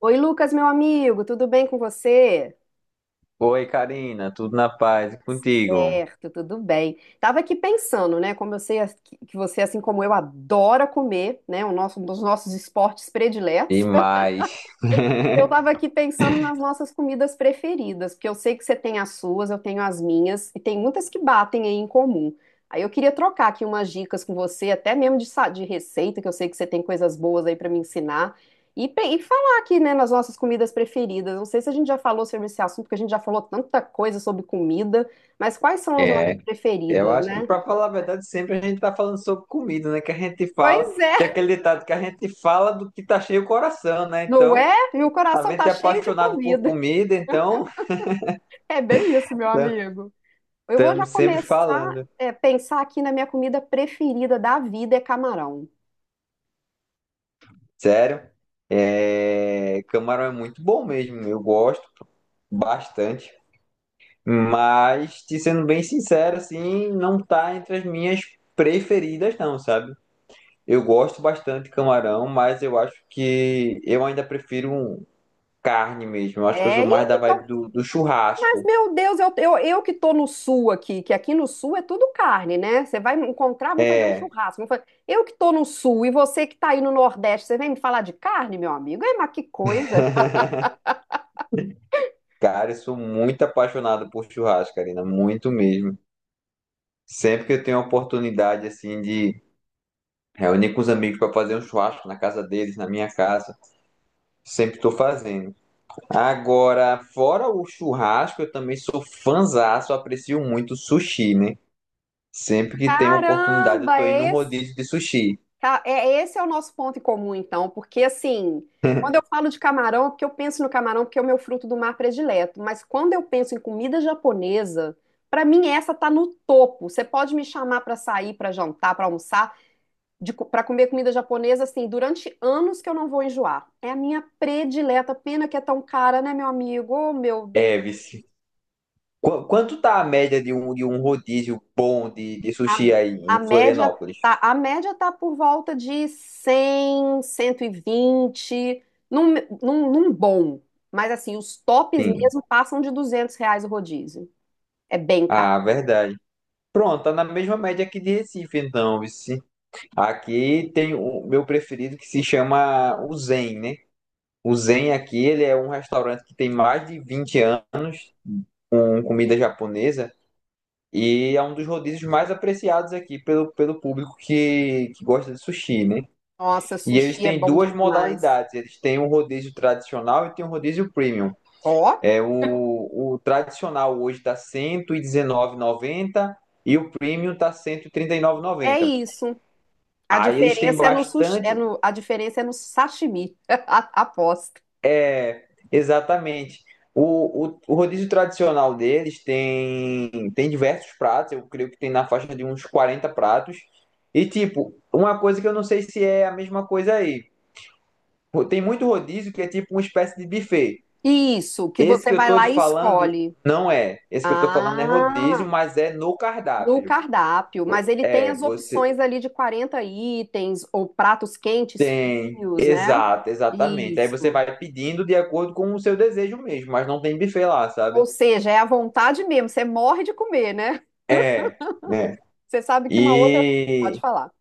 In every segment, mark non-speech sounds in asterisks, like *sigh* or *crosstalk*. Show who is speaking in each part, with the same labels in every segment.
Speaker 1: Oi, Lucas, meu amigo, tudo bem com você?
Speaker 2: Oi, Karina, tudo na paz e contigo?
Speaker 1: Certo, tudo bem. Tava aqui pensando, né? Como eu sei que você, assim como eu, adora comer, né? O nosso, um dos nossos esportes prediletos.
Speaker 2: E mais.
Speaker 1: Eu
Speaker 2: *laughs*
Speaker 1: estava aqui pensando nas nossas comidas preferidas, porque eu sei que você tem as suas, eu tenho as minhas, e tem muitas que batem aí em comum. Aí eu queria trocar aqui umas dicas com você, até mesmo de receita, que eu sei que você tem coisas boas aí para me ensinar, e, e falar aqui, né, nas nossas comidas preferidas. Não sei se a gente já falou sobre esse assunto, porque a gente já falou tanta coisa sobre comida, mas quais são as nossas
Speaker 2: É, eu
Speaker 1: preferidas,
Speaker 2: acho que,
Speaker 1: né?
Speaker 2: pra falar a verdade, sempre a gente tá falando sobre comida, né? Que a gente fala,
Speaker 1: Pois
Speaker 2: tem
Speaker 1: é,
Speaker 2: aquele ditado que a gente fala do que tá cheio o coração, né?
Speaker 1: não
Speaker 2: Então,
Speaker 1: é? Meu
Speaker 2: a
Speaker 1: coração
Speaker 2: gente
Speaker 1: tá
Speaker 2: é
Speaker 1: cheio de
Speaker 2: apaixonado por
Speaker 1: comida. *laughs*
Speaker 2: comida, então
Speaker 1: É bem isso, meu
Speaker 2: *laughs*
Speaker 1: amigo. Eu vou já
Speaker 2: estamos sempre
Speaker 1: começar
Speaker 2: falando.
Speaker 1: a pensar aqui na minha comida preferida da vida é camarão.
Speaker 2: Sério, camarão é muito bom mesmo, eu gosto bastante, mas, te sendo bem sincero, assim, não tá entre as minhas preferidas, não, sabe? Eu gosto bastante de camarão, mas eu acho que eu ainda prefiro um carne mesmo. Eu acho que eu sou
Speaker 1: É,
Speaker 2: mais
Speaker 1: e
Speaker 2: da
Speaker 1: então,
Speaker 2: vibe do
Speaker 1: mas
Speaker 2: churrasco.
Speaker 1: meu Deus, eu que tô no sul aqui, que aqui no sul é tudo carne, né? Você vai me encontrar, vamos fazer um
Speaker 2: É,
Speaker 1: churrasco. Eu que tô no sul e você que tá aí no Nordeste, você vem me falar de carne, meu amigo? É, mas que coisa!
Speaker 2: *laughs* cara, eu sou muito apaixonado por churrasco, Karina, muito mesmo. Sempre que eu tenho a oportunidade assim de reunir com os amigos para fazer um churrasco na casa deles, na minha casa, sempre estou fazendo. Agora, fora o churrasco, eu também sou fãzaço, aprecio muito sushi, né? Sempre que tem uma oportunidade, eu
Speaker 1: Caramba,
Speaker 2: tô indo num
Speaker 1: é.
Speaker 2: rodízio de sushi.
Speaker 1: Tá, é, esse é o nosso ponto em comum, então, porque assim,
Speaker 2: *laughs*
Speaker 1: quando eu falo de camarão, é porque eu penso no camarão, porque é o meu fruto do mar predileto, mas quando eu penso em comida japonesa, pra mim essa tá no topo. Você pode me chamar pra sair, pra jantar, pra almoçar, pra comer comida japonesa, assim, durante anos que eu não vou enjoar. É a minha predileta, pena que é tão cara, né, meu amigo? Oh, meu Deus.
Speaker 2: É, vice. Quanto tá a média de um rodízio bom de
Speaker 1: A,
Speaker 2: sushi aí
Speaker 1: a
Speaker 2: em
Speaker 1: média
Speaker 2: Florianópolis?
Speaker 1: tá, a média tá por volta de 100, 120 num, num bom. Mas assim, os tops
Speaker 2: Sim.
Speaker 1: mesmo passam de R$ 200 o rodízio. É bem caro.
Speaker 2: Ah, verdade. Pronto, tá na mesma média aqui de Recife, então, vice. Aqui tem o meu preferido que se chama o Zen, né? O Zen aqui, ele é um restaurante que tem mais de 20 anos com comida japonesa e é um dos rodízios mais apreciados aqui pelo público que gosta de sushi, né?
Speaker 1: Nossa,
Speaker 2: E eles
Speaker 1: sushi é
Speaker 2: têm
Speaker 1: bom
Speaker 2: duas
Speaker 1: demais.
Speaker 2: modalidades. Eles têm um rodízio tradicional e tem um rodízio premium.
Speaker 1: Ó,
Speaker 2: É o tradicional hoje está R$ 119,90 e o premium está R$ cento e trinta e nove e
Speaker 1: é
Speaker 2: noventa.
Speaker 1: isso.
Speaker 2: Aí eles têm bastante,
Speaker 1: A diferença é no sashimi. *laughs* Aposto.
Speaker 2: é, exatamente. O rodízio tradicional deles tem diversos pratos. Eu creio que tem na faixa de uns 40 pratos. E tipo, uma coisa que eu não sei se é a mesma coisa aí. Tem muito rodízio que é tipo uma espécie de buffet.
Speaker 1: Isso, que
Speaker 2: Esse
Speaker 1: você
Speaker 2: que eu
Speaker 1: vai
Speaker 2: tô te
Speaker 1: lá e
Speaker 2: falando
Speaker 1: escolhe.
Speaker 2: não é. Esse que eu tô falando é rodízio,
Speaker 1: Ah,
Speaker 2: mas é no
Speaker 1: no
Speaker 2: cardápio.
Speaker 1: cardápio, mas ele tem
Speaker 2: É,
Speaker 1: as
Speaker 2: você
Speaker 1: opções ali de 40 itens, ou pratos quentes,
Speaker 2: tem.
Speaker 1: frios, né?
Speaker 2: Exato, exatamente. Aí você
Speaker 1: Isso.
Speaker 2: vai pedindo de acordo com o seu desejo mesmo, mas não tem buffet lá, sabe?
Speaker 1: Ou seja, é à vontade mesmo, você morre de comer, né?
Speaker 2: É, né?
Speaker 1: Você sabe que uma outra. Pode
Speaker 2: E.
Speaker 1: falar.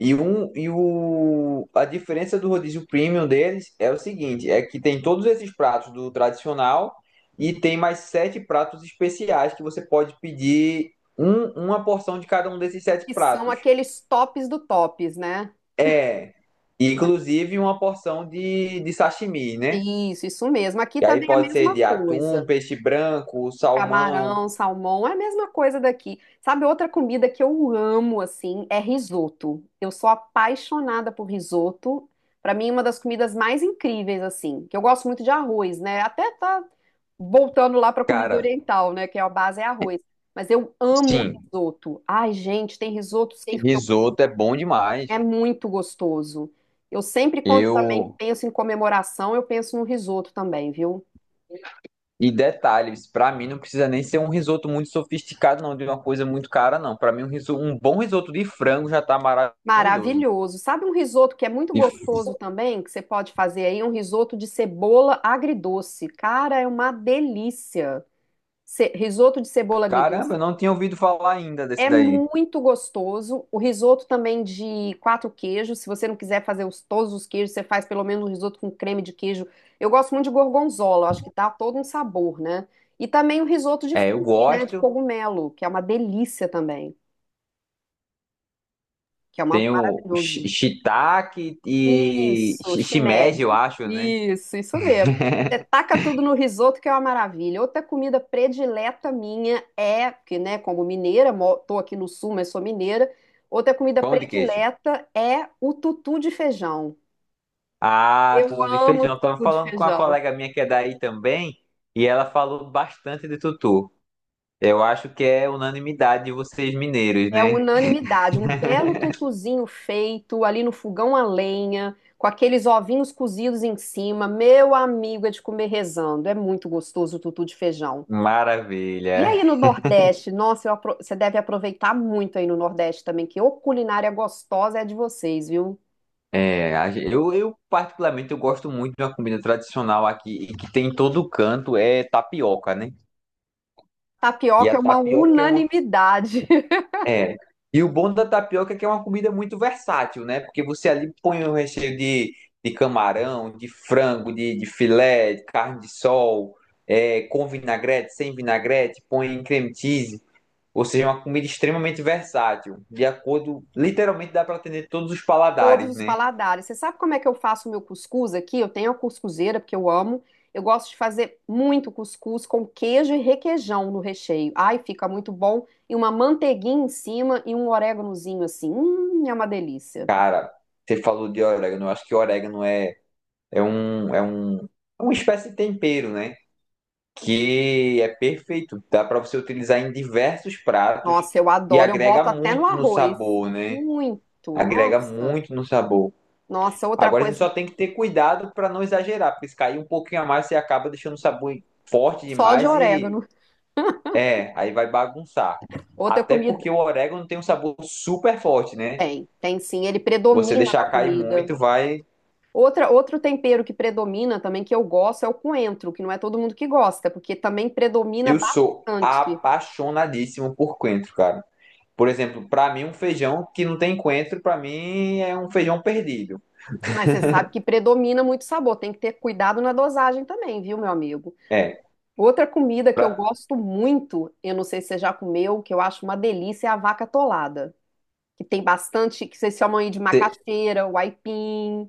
Speaker 2: E, um, e o, a diferença do rodízio premium deles é o seguinte: é que tem todos esses pratos do tradicional e tem mais 7 pratos especiais que você pode pedir uma porção de cada um desses sete
Speaker 1: Que são
Speaker 2: pratos.
Speaker 1: aqueles tops do tops, né?
Speaker 2: É, inclusive uma porção de sashimi, né?
Speaker 1: Isso mesmo. Aqui
Speaker 2: E aí
Speaker 1: também é a
Speaker 2: pode ser
Speaker 1: mesma
Speaker 2: de atum,
Speaker 1: coisa.
Speaker 2: peixe branco, salmão.
Speaker 1: Camarão, salmão, é a mesma coisa daqui. Sabe, outra comida que eu amo, assim, é risoto. Eu sou apaixonada por risoto. Pra mim, é uma das comidas mais incríveis, assim, que eu gosto muito de arroz, né? Até tá voltando lá pra comida
Speaker 2: Cara,
Speaker 1: oriental, né? Que é a base é arroz. Mas eu amo
Speaker 2: sim,
Speaker 1: risoto. Ai, gente, tem risotos que eu-
Speaker 2: risoto é bom
Speaker 1: é
Speaker 2: demais.
Speaker 1: muito gostoso. Eu sempre, quando também
Speaker 2: Eu.
Speaker 1: penso em comemoração, eu penso no risoto também, viu?
Speaker 2: E detalhes, pra mim não precisa nem ser um risoto muito sofisticado, não, de uma coisa muito cara, não. Pra mim, um, um bom risoto de frango já tá maravilhoso.
Speaker 1: Maravilhoso. Sabe um risoto que é muito
Speaker 2: E,
Speaker 1: gostoso também, que você pode fazer aí? Um risoto de cebola agridoce. Cara, é uma delícia. Risoto de cebola
Speaker 2: caramba,
Speaker 1: agridoce
Speaker 2: eu não tinha ouvido falar ainda desse
Speaker 1: é
Speaker 2: daí.
Speaker 1: muito gostoso. O risoto também de quatro queijos. Se você não quiser fazer todos os queijos, você faz pelo menos um risoto com creme de queijo. Eu gosto muito de gorgonzola, eu acho que dá todo um sabor, né? E também o risoto de
Speaker 2: É, eu
Speaker 1: figue, né? De
Speaker 2: gosto.
Speaker 1: cogumelo, que é uma delícia também, que é uma
Speaker 2: Tem o
Speaker 1: maravilhoso.
Speaker 2: shiitake e
Speaker 1: Isso,
Speaker 2: shimeji, eu
Speaker 1: shimeji.
Speaker 2: acho, né?
Speaker 1: Isso mesmo. Uhum. Você taca tudo no risoto, que é uma maravilha. Outra comida predileta minha é, porque, né, como mineira, tô aqui no sul, mas sou mineira. Outra comida
Speaker 2: Pão de queijo.
Speaker 1: predileta é o tutu de feijão.
Speaker 2: Ah,
Speaker 1: Eu
Speaker 2: tutu de
Speaker 1: amo
Speaker 2: feijão. Estava
Speaker 1: tutu de
Speaker 2: falando com uma
Speaker 1: feijão.
Speaker 2: colega minha que é daí também, e ela falou bastante de tutu. Eu acho que é unanimidade de vocês mineiros,
Speaker 1: É
Speaker 2: né?
Speaker 1: unanimidade, um belo tutuzinho feito ali no fogão a lenha, com aqueles ovinhos cozidos em cima. Meu amigo, é de comer rezando. É muito gostoso o tutu de feijão. E
Speaker 2: Maravilha.
Speaker 1: aí no Nordeste, nossa, eu você deve aproveitar muito aí no Nordeste também, que ô culinária gostosa é a de vocês, viu?
Speaker 2: É, eu particularmente eu gosto muito de uma comida tradicional aqui e que tem em todo canto é tapioca, né? E
Speaker 1: Tapioca
Speaker 2: a
Speaker 1: é uma
Speaker 2: tapioca é uma
Speaker 1: unanimidade, *laughs*
Speaker 2: É. E o bom da tapioca é que é uma comida muito versátil, né? Porque você ali põe um recheio de camarão, de frango, de filé, de carne de sol, é, com vinagrete, sem vinagrete, põe creme cheese. Ou seja, é uma comida extremamente versátil, de acordo, literalmente dá para atender todos os
Speaker 1: todos
Speaker 2: paladares,
Speaker 1: os
Speaker 2: né?
Speaker 1: paladares. Você sabe como é que eu faço o meu cuscuz aqui? Eu tenho a cuscuzeira, porque eu amo. Eu gosto de fazer muito cuscuz com queijo e requeijão no recheio. Ai, fica muito bom. E uma manteiguinha em cima e um oréganozinho assim. É uma delícia.
Speaker 2: Cara, você falou de orégano, eu acho que orégano é um, é um, é uma espécie de tempero, né? Que é perfeito. Dá para você utilizar em diversos pratos
Speaker 1: Nossa, eu
Speaker 2: e
Speaker 1: adoro. Eu
Speaker 2: agrega
Speaker 1: boto até no
Speaker 2: muito no
Speaker 1: arroz.
Speaker 2: sabor, né?
Speaker 1: Muito.
Speaker 2: Agrega
Speaker 1: Nossa.
Speaker 2: muito no sabor.
Speaker 1: Nossa, outra
Speaker 2: Agora a gente
Speaker 1: coisa.
Speaker 2: só tem que ter cuidado para não exagerar, porque se cair um pouquinho a mais, você acaba deixando o sabor forte
Speaker 1: Só de
Speaker 2: demais
Speaker 1: orégano.
Speaker 2: aí vai bagunçar.
Speaker 1: Outra
Speaker 2: Até
Speaker 1: comida.
Speaker 2: porque o orégano tem um sabor super forte, né?
Speaker 1: Tem, tem sim. Ele
Speaker 2: Você
Speaker 1: predomina na
Speaker 2: deixar cair
Speaker 1: comida.
Speaker 2: muito, vai.
Speaker 1: Outra, outro tempero que predomina também, que eu gosto, é o coentro, que não é todo mundo que gosta, porque também predomina
Speaker 2: Eu sou
Speaker 1: bastante.
Speaker 2: apaixonadíssimo por coentro, cara. Por exemplo, para mim, um feijão que não tem coentro, para mim é um feijão perdido.
Speaker 1: Mas você sabe que predomina muito sabor, tem que ter cuidado na dosagem também, viu, meu amigo?
Speaker 2: É,
Speaker 1: Outra comida que eu
Speaker 2: pra
Speaker 1: gosto muito, eu não sei se você já comeu, que eu acho uma delícia, é a vaca atolada, que tem bastante, que vocês chamam aí de
Speaker 2: ter-
Speaker 1: macaxeira, o aipim.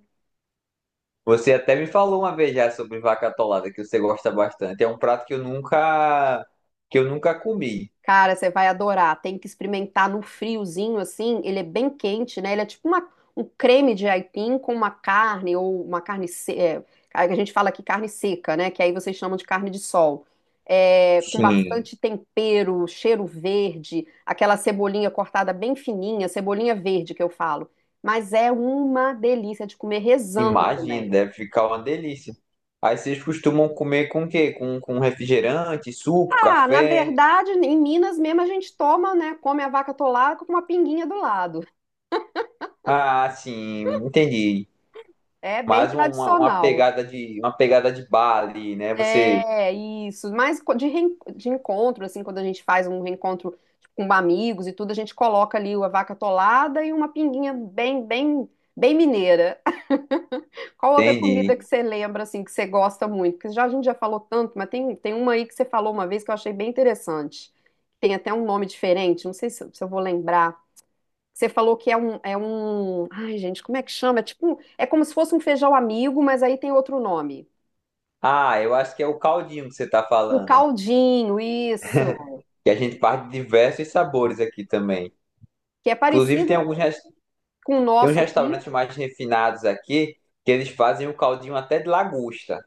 Speaker 2: Você até me falou uma vez já sobre vaca atolada, que você gosta bastante. É um prato que eu nunca comi.
Speaker 1: Cara, você vai adorar. Tem que experimentar no friozinho assim. Ele é bem quente, né? Ele é tipo um creme de aipim com uma carne ou uma carne se- é, a gente fala aqui carne seca, né? Que aí vocês chamam de carne de sol. É, com
Speaker 2: Sim,
Speaker 1: bastante tempero, cheiro verde, aquela cebolinha cortada bem fininha, cebolinha verde que eu falo. Mas é uma delícia de comer rezando
Speaker 2: imagina,
Speaker 1: também.
Speaker 2: deve ficar uma delícia. Aí vocês costumam comer com o quê? Com refrigerante, suco,
Speaker 1: Ah, na
Speaker 2: café?
Speaker 1: verdade, em Minas mesmo a gente toma, né? Come a vaca atolada com uma pinguinha do lado.
Speaker 2: Ah, sim, entendi.
Speaker 1: É bem
Speaker 2: Mais uma
Speaker 1: tradicional.
Speaker 2: pegada uma pegada de bar ali, né? Você
Speaker 1: É isso. Mas de encontro, assim, quando a gente faz um reencontro tipo, com amigos e tudo, a gente coloca ali a vaca atolada e uma pinguinha bem mineira. *laughs* Qual outra comida
Speaker 2: entende?
Speaker 1: que você lembra, assim, que você gosta muito? Porque já, a gente já falou tanto, mas tem, tem uma aí que você falou uma vez que eu achei bem interessante. Tem até um nome diferente, não sei se, eu se eu vou lembrar. Você falou que é é um. Ai, gente, como é que chama? É tipo, é como se fosse um feijão amigo, mas aí tem outro nome.
Speaker 2: Ah, eu acho que é o caldinho que você está
Speaker 1: O
Speaker 2: falando.
Speaker 1: caldinho, isso.
Speaker 2: Que a gente parte de diversos sabores aqui também.
Speaker 1: Que é
Speaker 2: Inclusive,
Speaker 1: parecido com o
Speaker 2: tem uns
Speaker 1: nosso aqui,
Speaker 2: restaurantes mais refinados aqui que eles fazem o caldinho até de lagosta.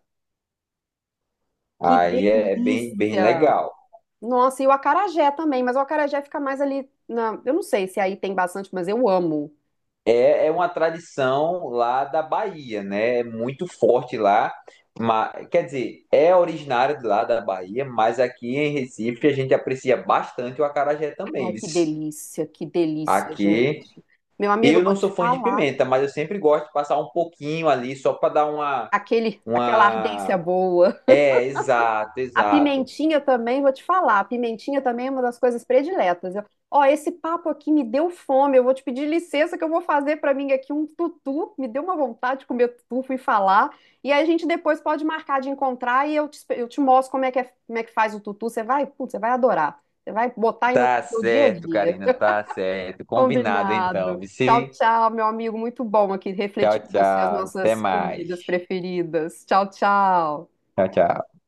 Speaker 1: que
Speaker 2: Aí é bem, bem
Speaker 1: delícia.
Speaker 2: legal.
Speaker 1: Nossa, e o acarajé também, mas o acarajé fica mais ali na, eu não sei se aí tem bastante, mas eu amo.
Speaker 2: É uma tradição lá da Bahia, né? É muito forte lá. Mas, quer dizer, é originário de lá da Bahia, mas aqui em Recife a gente aprecia bastante o acarajé
Speaker 1: Ai,
Speaker 2: também, viu?
Speaker 1: que delícia,
Speaker 2: Aqui.
Speaker 1: gente. Meu amigo, eu
Speaker 2: Eu
Speaker 1: vou
Speaker 2: não sou
Speaker 1: te
Speaker 2: fã de
Speaker 1: falar,
Speaker 2: pimenta, mas eu sempre gosto de passar um pouquinho ali só para dar uma,
Speaker 1: aquele aquela ardência
Speaker 2: uma.
Speaker 1: boa.
Speaker 2: É, exato,
Speaker 1: A
Speaker 2: exato.
Speaker 1: pimentinha também, vou te falar, a pimentinha também é uma das coisas prediletas. Eu, ó, esse papo aqui me deu fome, eu vou te pedir licença que eu vou fazer para mim aqui um tutu, me deu uma vontade de comer tutu, fui falar. E aí a gente depois pode marcar de encontrar e eu te, eu te mostro como é que, como é que faz o tutu, você vai, putz, você vai adorar. Você vai botar aí no
Speaker 2: Tá
Speaker 1: seu dia a
Speaker 2: certo,
Speaker 1: dia.
Speaker 2: Karina, tá certo. Combinado então.
Speaker 1: Combinado. Tchau,
Speaker 2: Vici,
Speaker 1: tchau, meu amigo, muito bom aqui
Speaker 2: tchau,
Speaker 1: refletir com você as
Speaker 2: tchau. Até
Speaker 1: nossas comidas
Speaker 2: mais.
Speaker 1: preferidas. Tchau, tchau.
Speaker 2: Tchau, tchau.